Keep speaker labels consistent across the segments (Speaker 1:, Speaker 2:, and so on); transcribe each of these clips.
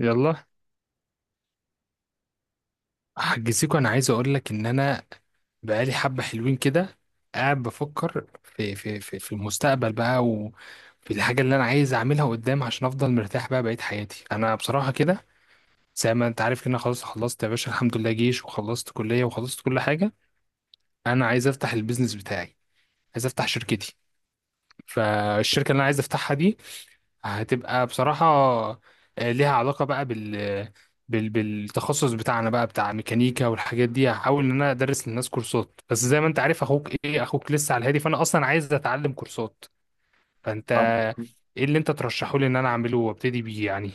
Speaker 1: يلا، حجزيكوا انا عايز اقول لك ان انا بقالي حبه حلوين كده قاعد بفكر في المستقبل بقى وفي الحاجه اللي انا عايز اعملها قدام عشان افضل مرتاح بقى بقيت حياتي انا بصراحه كده. زي ما انت عارف كده أنا خلاص خلصت يا باشا، الحمد لله جيش وخلصت كليه وخلصت كل حاجه. انا عايز افتح البيزنس بتاعي، عايز افتح شركتي. فالشركه اللي انا عايز افتحها دي هتبقى بصراحة ليها علاقة بقى بالتخصص بتاعنا بقى، بتاع ميكانيكا والحاجات دي. هحاول ان انا ادرس للناس كورسات، بس زي ما انت عارف اخوك ايه، اخوك لسه على الهادي، فانا اصلا عايز اتعلم كورسات. فانت ايه اللي انت ترشحه لي ان انا اعمله وابتدي بيه يعني؟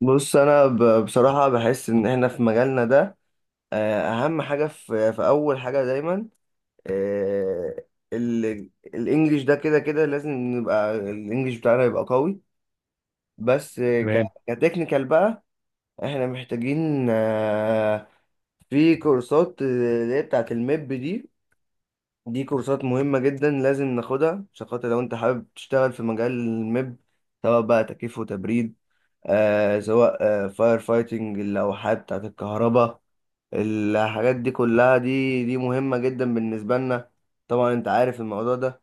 Speaker 2: بص بصراحه بحس ان احنا في مجالنا ده. اهم حاجه في اول حاجه دايما آه، الانجليش ده كده كده لازم نبقى الانجليش بتاعنا يبقى قوي، بس
Speaker 1: تمام.
Speaker 2: كتكنيكال بقى. احنا محتاجين في كورسات اللي هي بتاعه الميب دي. دي كورسات مهمه جدا لازم ناخدها عشان خاطر لو انت حابب تشتغل في مجال الميب، سواء بقى تكييف وتبريد، آه سواء آه فاير فايتنج، اللوحات بتاعت الكهرباء، الحاجات دي كلها، دي مهمة جدا بالنسبة لنا. طبعا انت عارف الموضوع ده.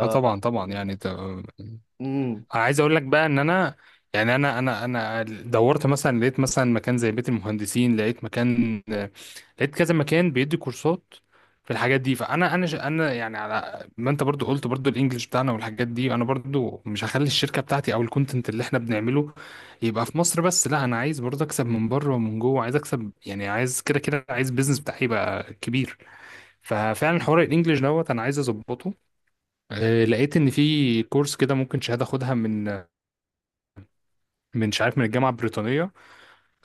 Speaker 1: اه، طبعا طبعا. يعني انت
Speaker 2: امم
Speaker 1: عايز اقول لك بقى ان انا، يعني انا دورت مثلا، لقيت مثلا مكان زي بيت المهندسين، لقيت مكان، لقيت كذا مكان بيدي كورسات في الحاجات دي. فانا انا ش- انا يعني، على ما انت برضو قلت، برضو الانجليش بتاعنا والحاجات دي، انا برضو مش هخلي الشركه بتاعتي او الكونتنت اللي احنا بنعمله يبقى في مصر بس، لا انا عايز برضو اكسب من بره ومن جوه، عايز اكسب يعني، عايز كده كده، عايز بيزنس بتاعي يبقى كبير. ففعلا حوار الانجليش دوت انا عايز اظبطه. لقيت ان في كورس كده ممكن شهاده اخدها من مش عارف من الجامعة البريطانية.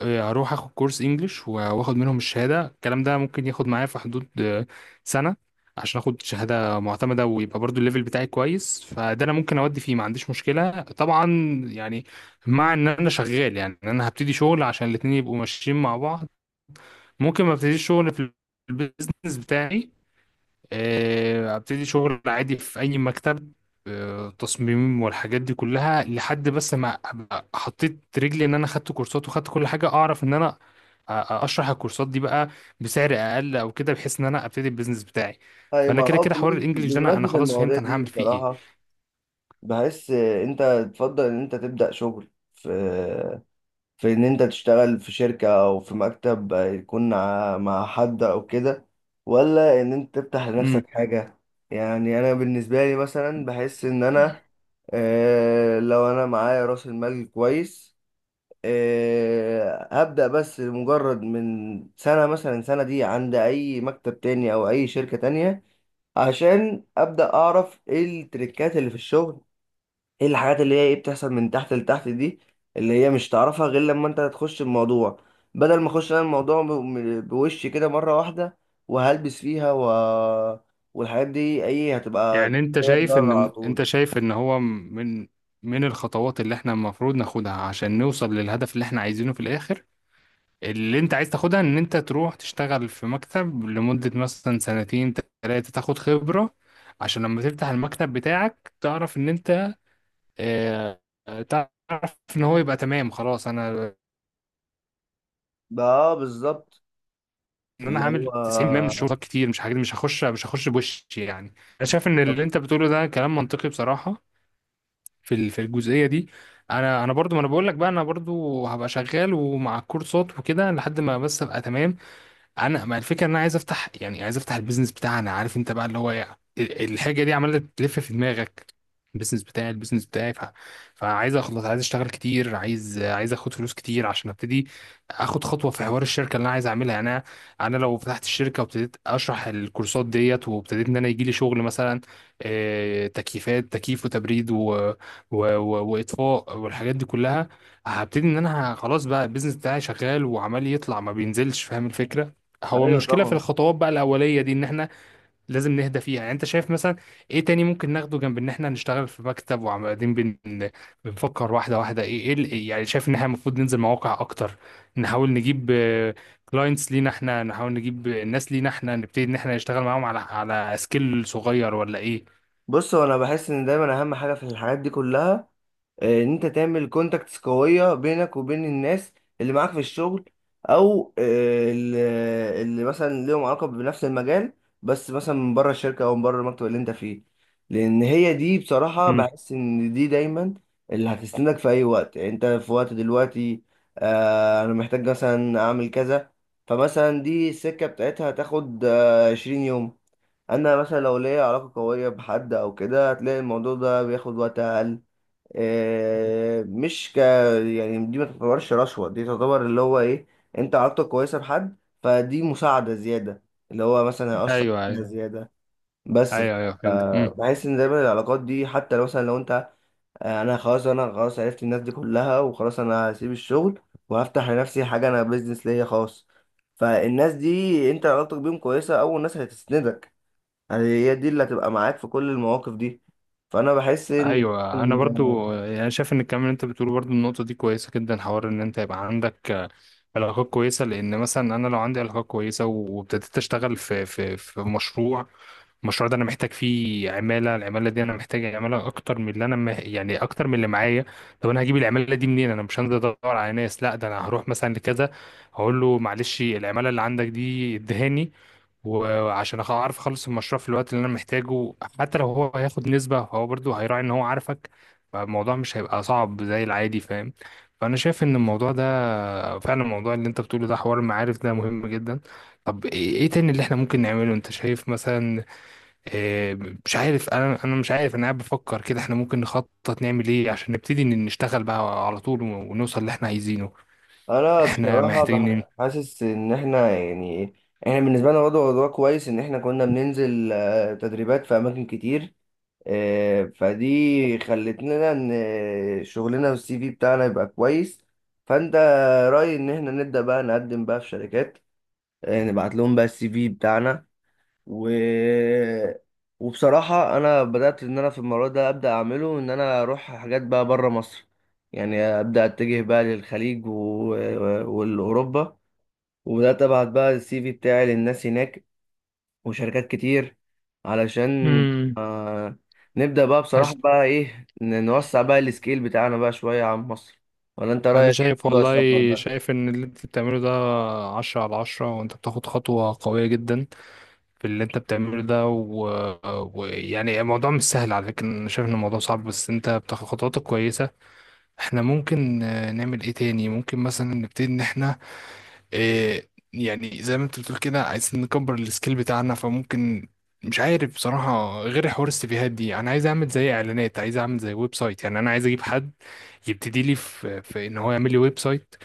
Speaker 1: هروح اخد كورس انجليش واخد منهم الشهادة. الكلام ده ممكن ياخد معايا في حدود سنة، عشان اخد شهادة معتمدة ويبقى برضو الليفل بتاعي كويس، فده انا ممكن اودي فيه، ما عنديش مشكلة طبعا. يعني مع ان انا شغال، يعني إن انا هبتدي شغل عشان الاتنين يبقوا ماشيين مع بعض. ممكن ما ابتديش شغل في البيزنس بتاعي، ابتدي شغل عادي في اي مكتب، تصميم والحاجات دي كلها، لحد بس ما ابقى حطيت رجلي ان انا خدت كورسات وخدت كل حاجه، اعرف ان انا اشرح الكورسات دي بقى بسعر اقل او كده، بحيث ان انا ابتدي البيزنس بتاعي.
Speaker 2: طيب،
Speaker 1: فانا
Speaker 2: ما
Speaker 1: كده
Speaker 2: اه
Speaker 1: كده حوار الانجليش ده انا
Speaker 2: بمناسبة
Speaker 1: خلاص فهمت
Speaker 2: المواضيع
Speaker 1: انا
Speaker 2: دي
Speaker 1: هعمل فيه ايه.
Speaker 2: بصراحة، بحس انت تفضل ان انت تبدأ شغل في في ان انت تشتغل في شركة او في مكتب يكون مع حد او كده، ولا ان انت تفتح
Speaker 1: امم
Speaker 2: لنفسك حاجة؟ يعني انا بالنسبة لي مثلا بحس ان انا لو انا معايا راس المال كويس، هبدأ بس مجرد من سنة، مثلا سنة دي عند اي مكتب تاني او اي شركة تانية، عشان ابدأ اعرف ايه التريكات اللي في الشغل، ايه الحاجات اللي هي ايه بتحصل من تحت لتحت دي، اللي هي مش تعرفها غير لما انت تخش الموضوع، بدل ما اخش انا الموضوع بوشي كده مرة واحدة وهلبس فيها والحاجات دي ايه هتبقى
Speaker 1: يعني انت
Speaker 2: جاية
Speaker 1: شايف
Speaker 2: بره على
Speaker 1: ان انت
Speaker 2: طول.
Speaker 1: شايف ان هو من الخطوات اللي احنا المفروض ناخدها عشان نوصل للهدف اللي احنا عايزينه في الاخر، اللي انت عايز تاخدها ان انت تروح تشتغل في مكتب لمدة مثلا سنتين تلاتة تاخد خبرة، عشان لما تفتح المكتب بتاعك تعرف ان انت، اه، تعرف ان هو يبقى تمام، خلاص. انا
Speaker 2: بقى اه بالظبط.
Speaker 1: ان انا
Speaker 2: اللي هو
Speaker 1: هعمل 90% من الشغل، كتير مش حاجات، مش هخش بوشي يعني. انا شايف ان
Speaker 2: طب
Speaker 1: اللي انت بتقوله ده كلام منطقي بصراحة، في الجزئية دي. انا برضو، ما انا بقول لك بقى، انا برضو هبقى شغال ومع الكورسات وكده لحد ما بس ابقى تمام. انا ما الفكره ان انا عايز افتح، يعني عايز افتح البيزنس بتاعنا، عارف انت بقى اللي هو ايه الحاجه دي عماله تلف في دماغك. البيزنس بتاعي، فعايز اخلص، عايز اشتغل كتير، عايز اخد فلوس كتير عشان ابتدي اخد خطوه في حوار الشركه اللي انا عايز اعملها. يعني انا، أنا لو فتحت الشركه وابتديت اشرح الكورسات ديت وابتديت ان انا يجي لي شغل مثلا، تكييفات، تكييف وتبريد واطفاء والحاجات دي كلها، هبتدي ان انا خلاص بقى البيزنس بتاعي شغال وعمال يطلع ما بينزلش. فاهم الفكره؟ هو
Speaker 2: ايوه
Speaker 1: المشكلة في
Speaker 2: طبعا.
Speaker 1: الخطوات بقى الأولية دي إن إحنا لازم نهدى فيها. يعني أنت شايف مثلا إيه تاني ممكن ناخده جنب إن إحنا نشتغل في مكتب وبعدين بنفكر واحدة واحدة؟ إيه يعني، شايف إن إحنا المفروض ننزل مواقع أكتر، نحاول نجيب كلاينتس لينا إحنا، نحاول نجيب ناس لينا إحنا، نبتدي إن إحنا نشتغل معاهم على سكيل صغير ولا إيه؟
Speaker 2: بص، هو انا بحس ان دايما اهم حاجة في الحاجات دي كلها ان انت تعمل كونتاكتس قوية بينك وبين الناس اللي معاك في الشغل، او اللي مثلا ليهم علاقة بنفس المجال، بس مثلا من بره الشركة او من بره المكتب اللي انت فيه. لان هي دي بصراحة
Speaker 1: مم.
Speaker 2: بحس ان دي دايما اللي هتسندك في اي وقت. يعني انت في وقت دلوقتي انا محتاج مثلا اعمل كذا، فمثلا دي السكة بتاعتها هتاخد 20 يوم، انا مثلا لو ليا علاقة قوية بحد او كده هتلاقي الموضوع ده بياخد وقت اقل. آه، مش ك يعني دي ما تعتبرش رشوة، دي تعتبر اللي هو ايه، انت علاقتك كويسة بحد، فدي مساعدة زيادة اللي هو مثلا هيأثر
Speaker 1: أيوه،
Speaker 2: فيها
Speaker 1: أيوه،
Speaker 2: زيادة. بس ف-
Speaker 1: أيوه، أيوه، فهمت.
Speaker 2: بحس ان دايما العلاقات دي حتى لو مثلا لو انت انا خلاص عرفت الناس دي كلها وخلاص انا هسيب الشغل وهفتح لنفسي حاجة، انا بيزنس ليا خاص، فالناس دي انت علاقتك بيهم كويسة اول ناس هتسندك. يعني هي دي اللي هتبقى معاك في كل المواقف دي. فانا بحس ان
Speaker 1: ايوه، انا برضو يعني شايف ان الكلام اللي انت بتقوله برضو، النقطه دي كويسه جدا، حوار ان انت يبقى عندك علاقات كويسه. لان مثلا انا لو عندي علاقات كويسه وابتديت اشتغل في مشروع، المشروع ده انا محتاج فيه عماله، العماله دي انا محتاج عماله اكتر من اللي انا يعني اكتر من اللي معايا. طب انا هجيب العماله دي منين؟ انا مش هنزل ادور على ناس، لا ده انا هروح مثلا لكذا، هقول له معلش العماله اللي عندك دي ادهاني، وعشان اعرف اخلص المشروع في الوقت اللي انا محتاجه. حتى لو هو هياخد نسبه، هو برضو هيراعي ان هو عارفك، فالموضوع مش هيبقى صعب زي العادي، فاهم؟ فانا شايف ان الموضوع ده، فعلا الموضوع اللي انت بتقوله ده حوار المعارف ده مهم جدا. طب إيه تاني اللي احنا ممكن نعمله؟ انت شايف مثلا، آه، مش عارف، انا مش عارف انا قاعد بفكر كده احنا ممكن نخطط نعمل ايه عشان نبتدي إن نشتغل بقى على طول، ونوصل اللي احنا عايزينه.
Speaker 2: انا
Speaker 1: احنا
Speaker 2: بصراحه
Speaker 1: محتاجين ايه؟
Speaker 2: حاسس ان احنا يعني ايه، احنا بالنسبه لنا وضع كويس، ان احنا كنا بننزل تدريبات في اماكن كتير، فدي خلتنا ان شغلنا والسي في بتاعنا يبقى كويس. فانت رايي ان احنا نبدا بقى نقدم بقى في شركات، نبعت لهم بقى السي في بتاعنا و... وبصراحة أنا بدأت إن أنا في المرة ده أبدأ أعمله، إن أنا أروح حاجات بقى بره مصر. يعني أبدأ أتجه بقى للخليج والأوروبا، وبدأت أبعت بقى السي في بتاعي للناس هناك وشركات كتير، علشان
Speaker 1: امم
Speaker 2: آه... نبدأ بقى بصراحة
Speaker 1: عش-
Speaker 2: بقى نوسع بقى السكيل بتاعنا بقى شوية عن مصر. ولا أنت
Speaker 1: انا
Speaker 2: رأيك إيه في
Speaker 1: شايف
Speaker 2: موضوع
Speaker 1: والله،
Speaker 2: السفر ده؟
Speaker 1: شايف ان اللي انت بتعمله ده عشرة على عشرة، وانت بتاخد خطوة قوية جدا في اللي انت بتعمله ده، ويعني يعني الموضوع مش سهل على فكرة، انا شايف ان الموضوع صعب بس انت بتاخد خطوات كويسة. احنا ممكن نعمل ايه تاني؟ ممكن مثلا نبتدي ان احنا إيه، يعني زي ما انت بتقول كده عايزين نكبر السكيل بتاعنا، فممكن مش عارف بصراحة غير حوار السيفيهات دي. انا عايز اعمل زي اعلانات، عايز اعمل زي ويب سايت، يعني انا عايز اجيب حد يبتدي لي في ان هو يعمل لي ويب سايت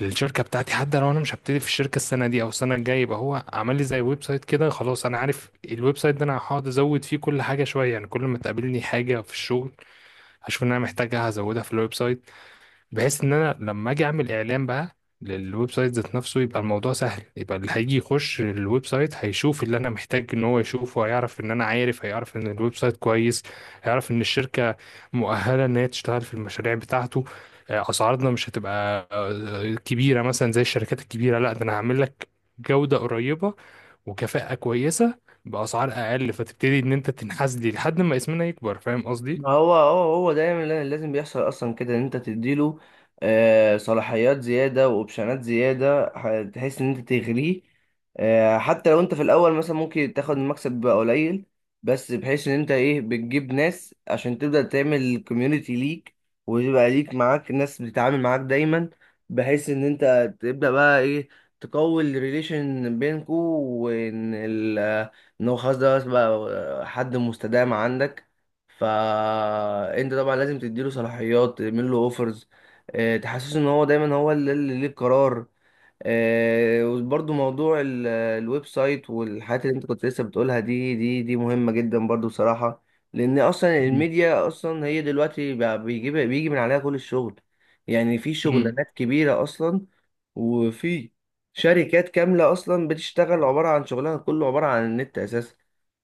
Speaker 1: للشركة بتاعتي. حتى لو انا مش هبتدي في الشركة السنة دي او السنة الجاية، يبقى هو عمل لي زي ويب سايت كده، خلاص انا عارف الويب سايت ده انا هقعد ازود فيه كل حاجة شوية، يعني كل ما تقابلني حاجة في الشغل هشوف ان انا محتاجها هزودها في الويب سايت، بحيث ان انا لما اجي اعمل اعلان بقى للويب سايت ذات نفسه يبقى الموضوع سهل، يبقى اللي هيجي يخش الويب سايت هيشوف اللي انا محتاج ان هو يشوفه، هيعرف ان انا عارف، هيعرف ان الويب سايت كويس، هيعرف ان الشركة مؤهلة ان هي تشتغل في المشاريع بتاعته. اسعارنا مش هتبقى كبيرة مثلا زي الشركات الكبيرة، لا ده انا هعمل لك جودة قريبة وكفاءة كويسة بأسعار اقل، فتبتدي ان انت تنحاز لي لحد ما اسمنا يكبر. فاهم قصدي؟
Speaker 2: ما هو هو دايما لازم بيحصل اصلا كده ان انت تديله صلاحيات زياده واوبشنات زياده، تحس ان انت تغريه. حتى لو انت في الاول مثلا ممكن تاخد المكسب بقى قليل، بس بحيث ان انت ايه، بتجيب ناس عشان تبدا تعمل كوميونتي ليك، ويبقى ليك معاك ناس بتتعامل معاك دايما، بحيث ان انت تبدا بقى ايه، تقوي الريليشن بينكو، وان ال- ان هو خلاص ده بقى حد مستدام عندك. فانت طبعا لازم تديله صلاحيات، تعمل له اوفرز، تحسسه ان هو دايما هو اللي ليه القرار. وبرضه موضوع الويب سايت والحاجات اللي انت كنت لسه بتقولها دي، دي مهمة جدا برضه بصراحة، لان اصلا
Speaker 1: مم.
Speaker 2: الميديا اصلا هي دلوقتي بقى بيجي من عليها كل الشغل. يعني في
Speaker 1: مم.
Speaker 2: شغلانات كبيرة اصلا، وفي شركات كاملة اصلا بتشتغل، عبارة عن شغلها كله عبارة عن النت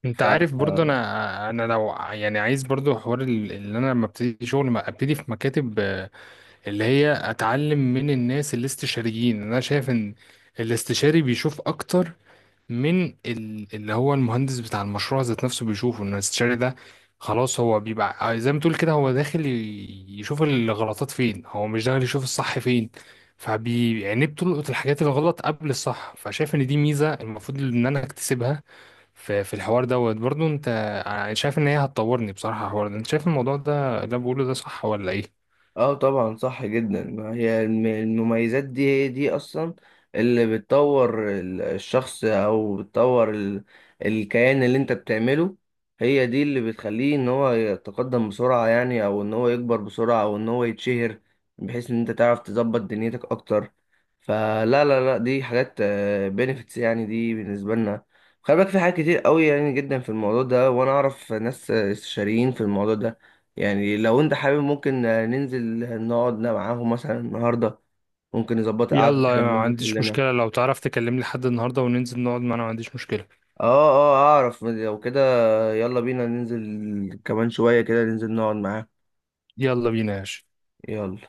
Speaker 1: انت
Speaker 2: اساسا.
Speaker 1: عارف برضو، انا لو يعني عايز برضو حوار اللي انا لما ابتدي شغل ما ابتدي في مكاتب، اللي هي اتعلم من الناس الاستشاريين. انا شايف ان الاستشاري بيشوف اكتر من اللي هو المهندس بتاع المشروع ذات نفسه، بيشوفه ان الاستشاري ده خلاص، هو بيبقى زي ما تقول كده هو داخل يشوف الغلطات فين، هو مش داخل يشوف الصح فين، فبيعني بتلقط الحاجات الغلط قبل الصح. فشايف ان دي ميزة المفروض ان انا اكتسبها في الحوار دوت. برضو انت شايف ان هي هتطورني بصراحة الحوار ده؟ انت شايف الموضوع ده اللي أنا بقوله ده صح ولا ايه؟
Speaker 2: اه طبعا صح جدا. ما هي المميزات دي هي دي اصلا اللي بتطور الشخص، او بتطور الكيان اللي انت بتعمله. هي دي اللي بتخليه ان هو يتقدم بسرعة، يعني او ان هو يكبر بسرعة، او ان هو يتشهر، بحيث ان انت تعرف تظبط دنيتك اكتر. فلا لا لا دي حاجات بنفيتس يعني دي بالنسبة لنا. خلي بالك في حاجات كتير قوي يعني جدا في الموضوع ده، وانا اعرف ناس استشاريين في الموضوع ده. يعني لو انت حابب ممكن ننزل نقعد معاهم مثلا النهارده، ممكن نظبط قعده كده
Speaker 1: يلا، ما
Speaker 2: ننزل
Speaker 1: عنديش
Speaker 2: كلنا.
Speaker 1: مشكلة. لو تعرف تكلمني لحد النهاردة وننزل نقعد، ما انا ما عنديش مشكلة.
Speaker 2: اه، اه اعرف لو كده. يلا بينا ننزل كمان شويه كده ننزل نقعد معاهم.
Speaker 1: يلا بينا يا باشا.
Speaker 2: يلا.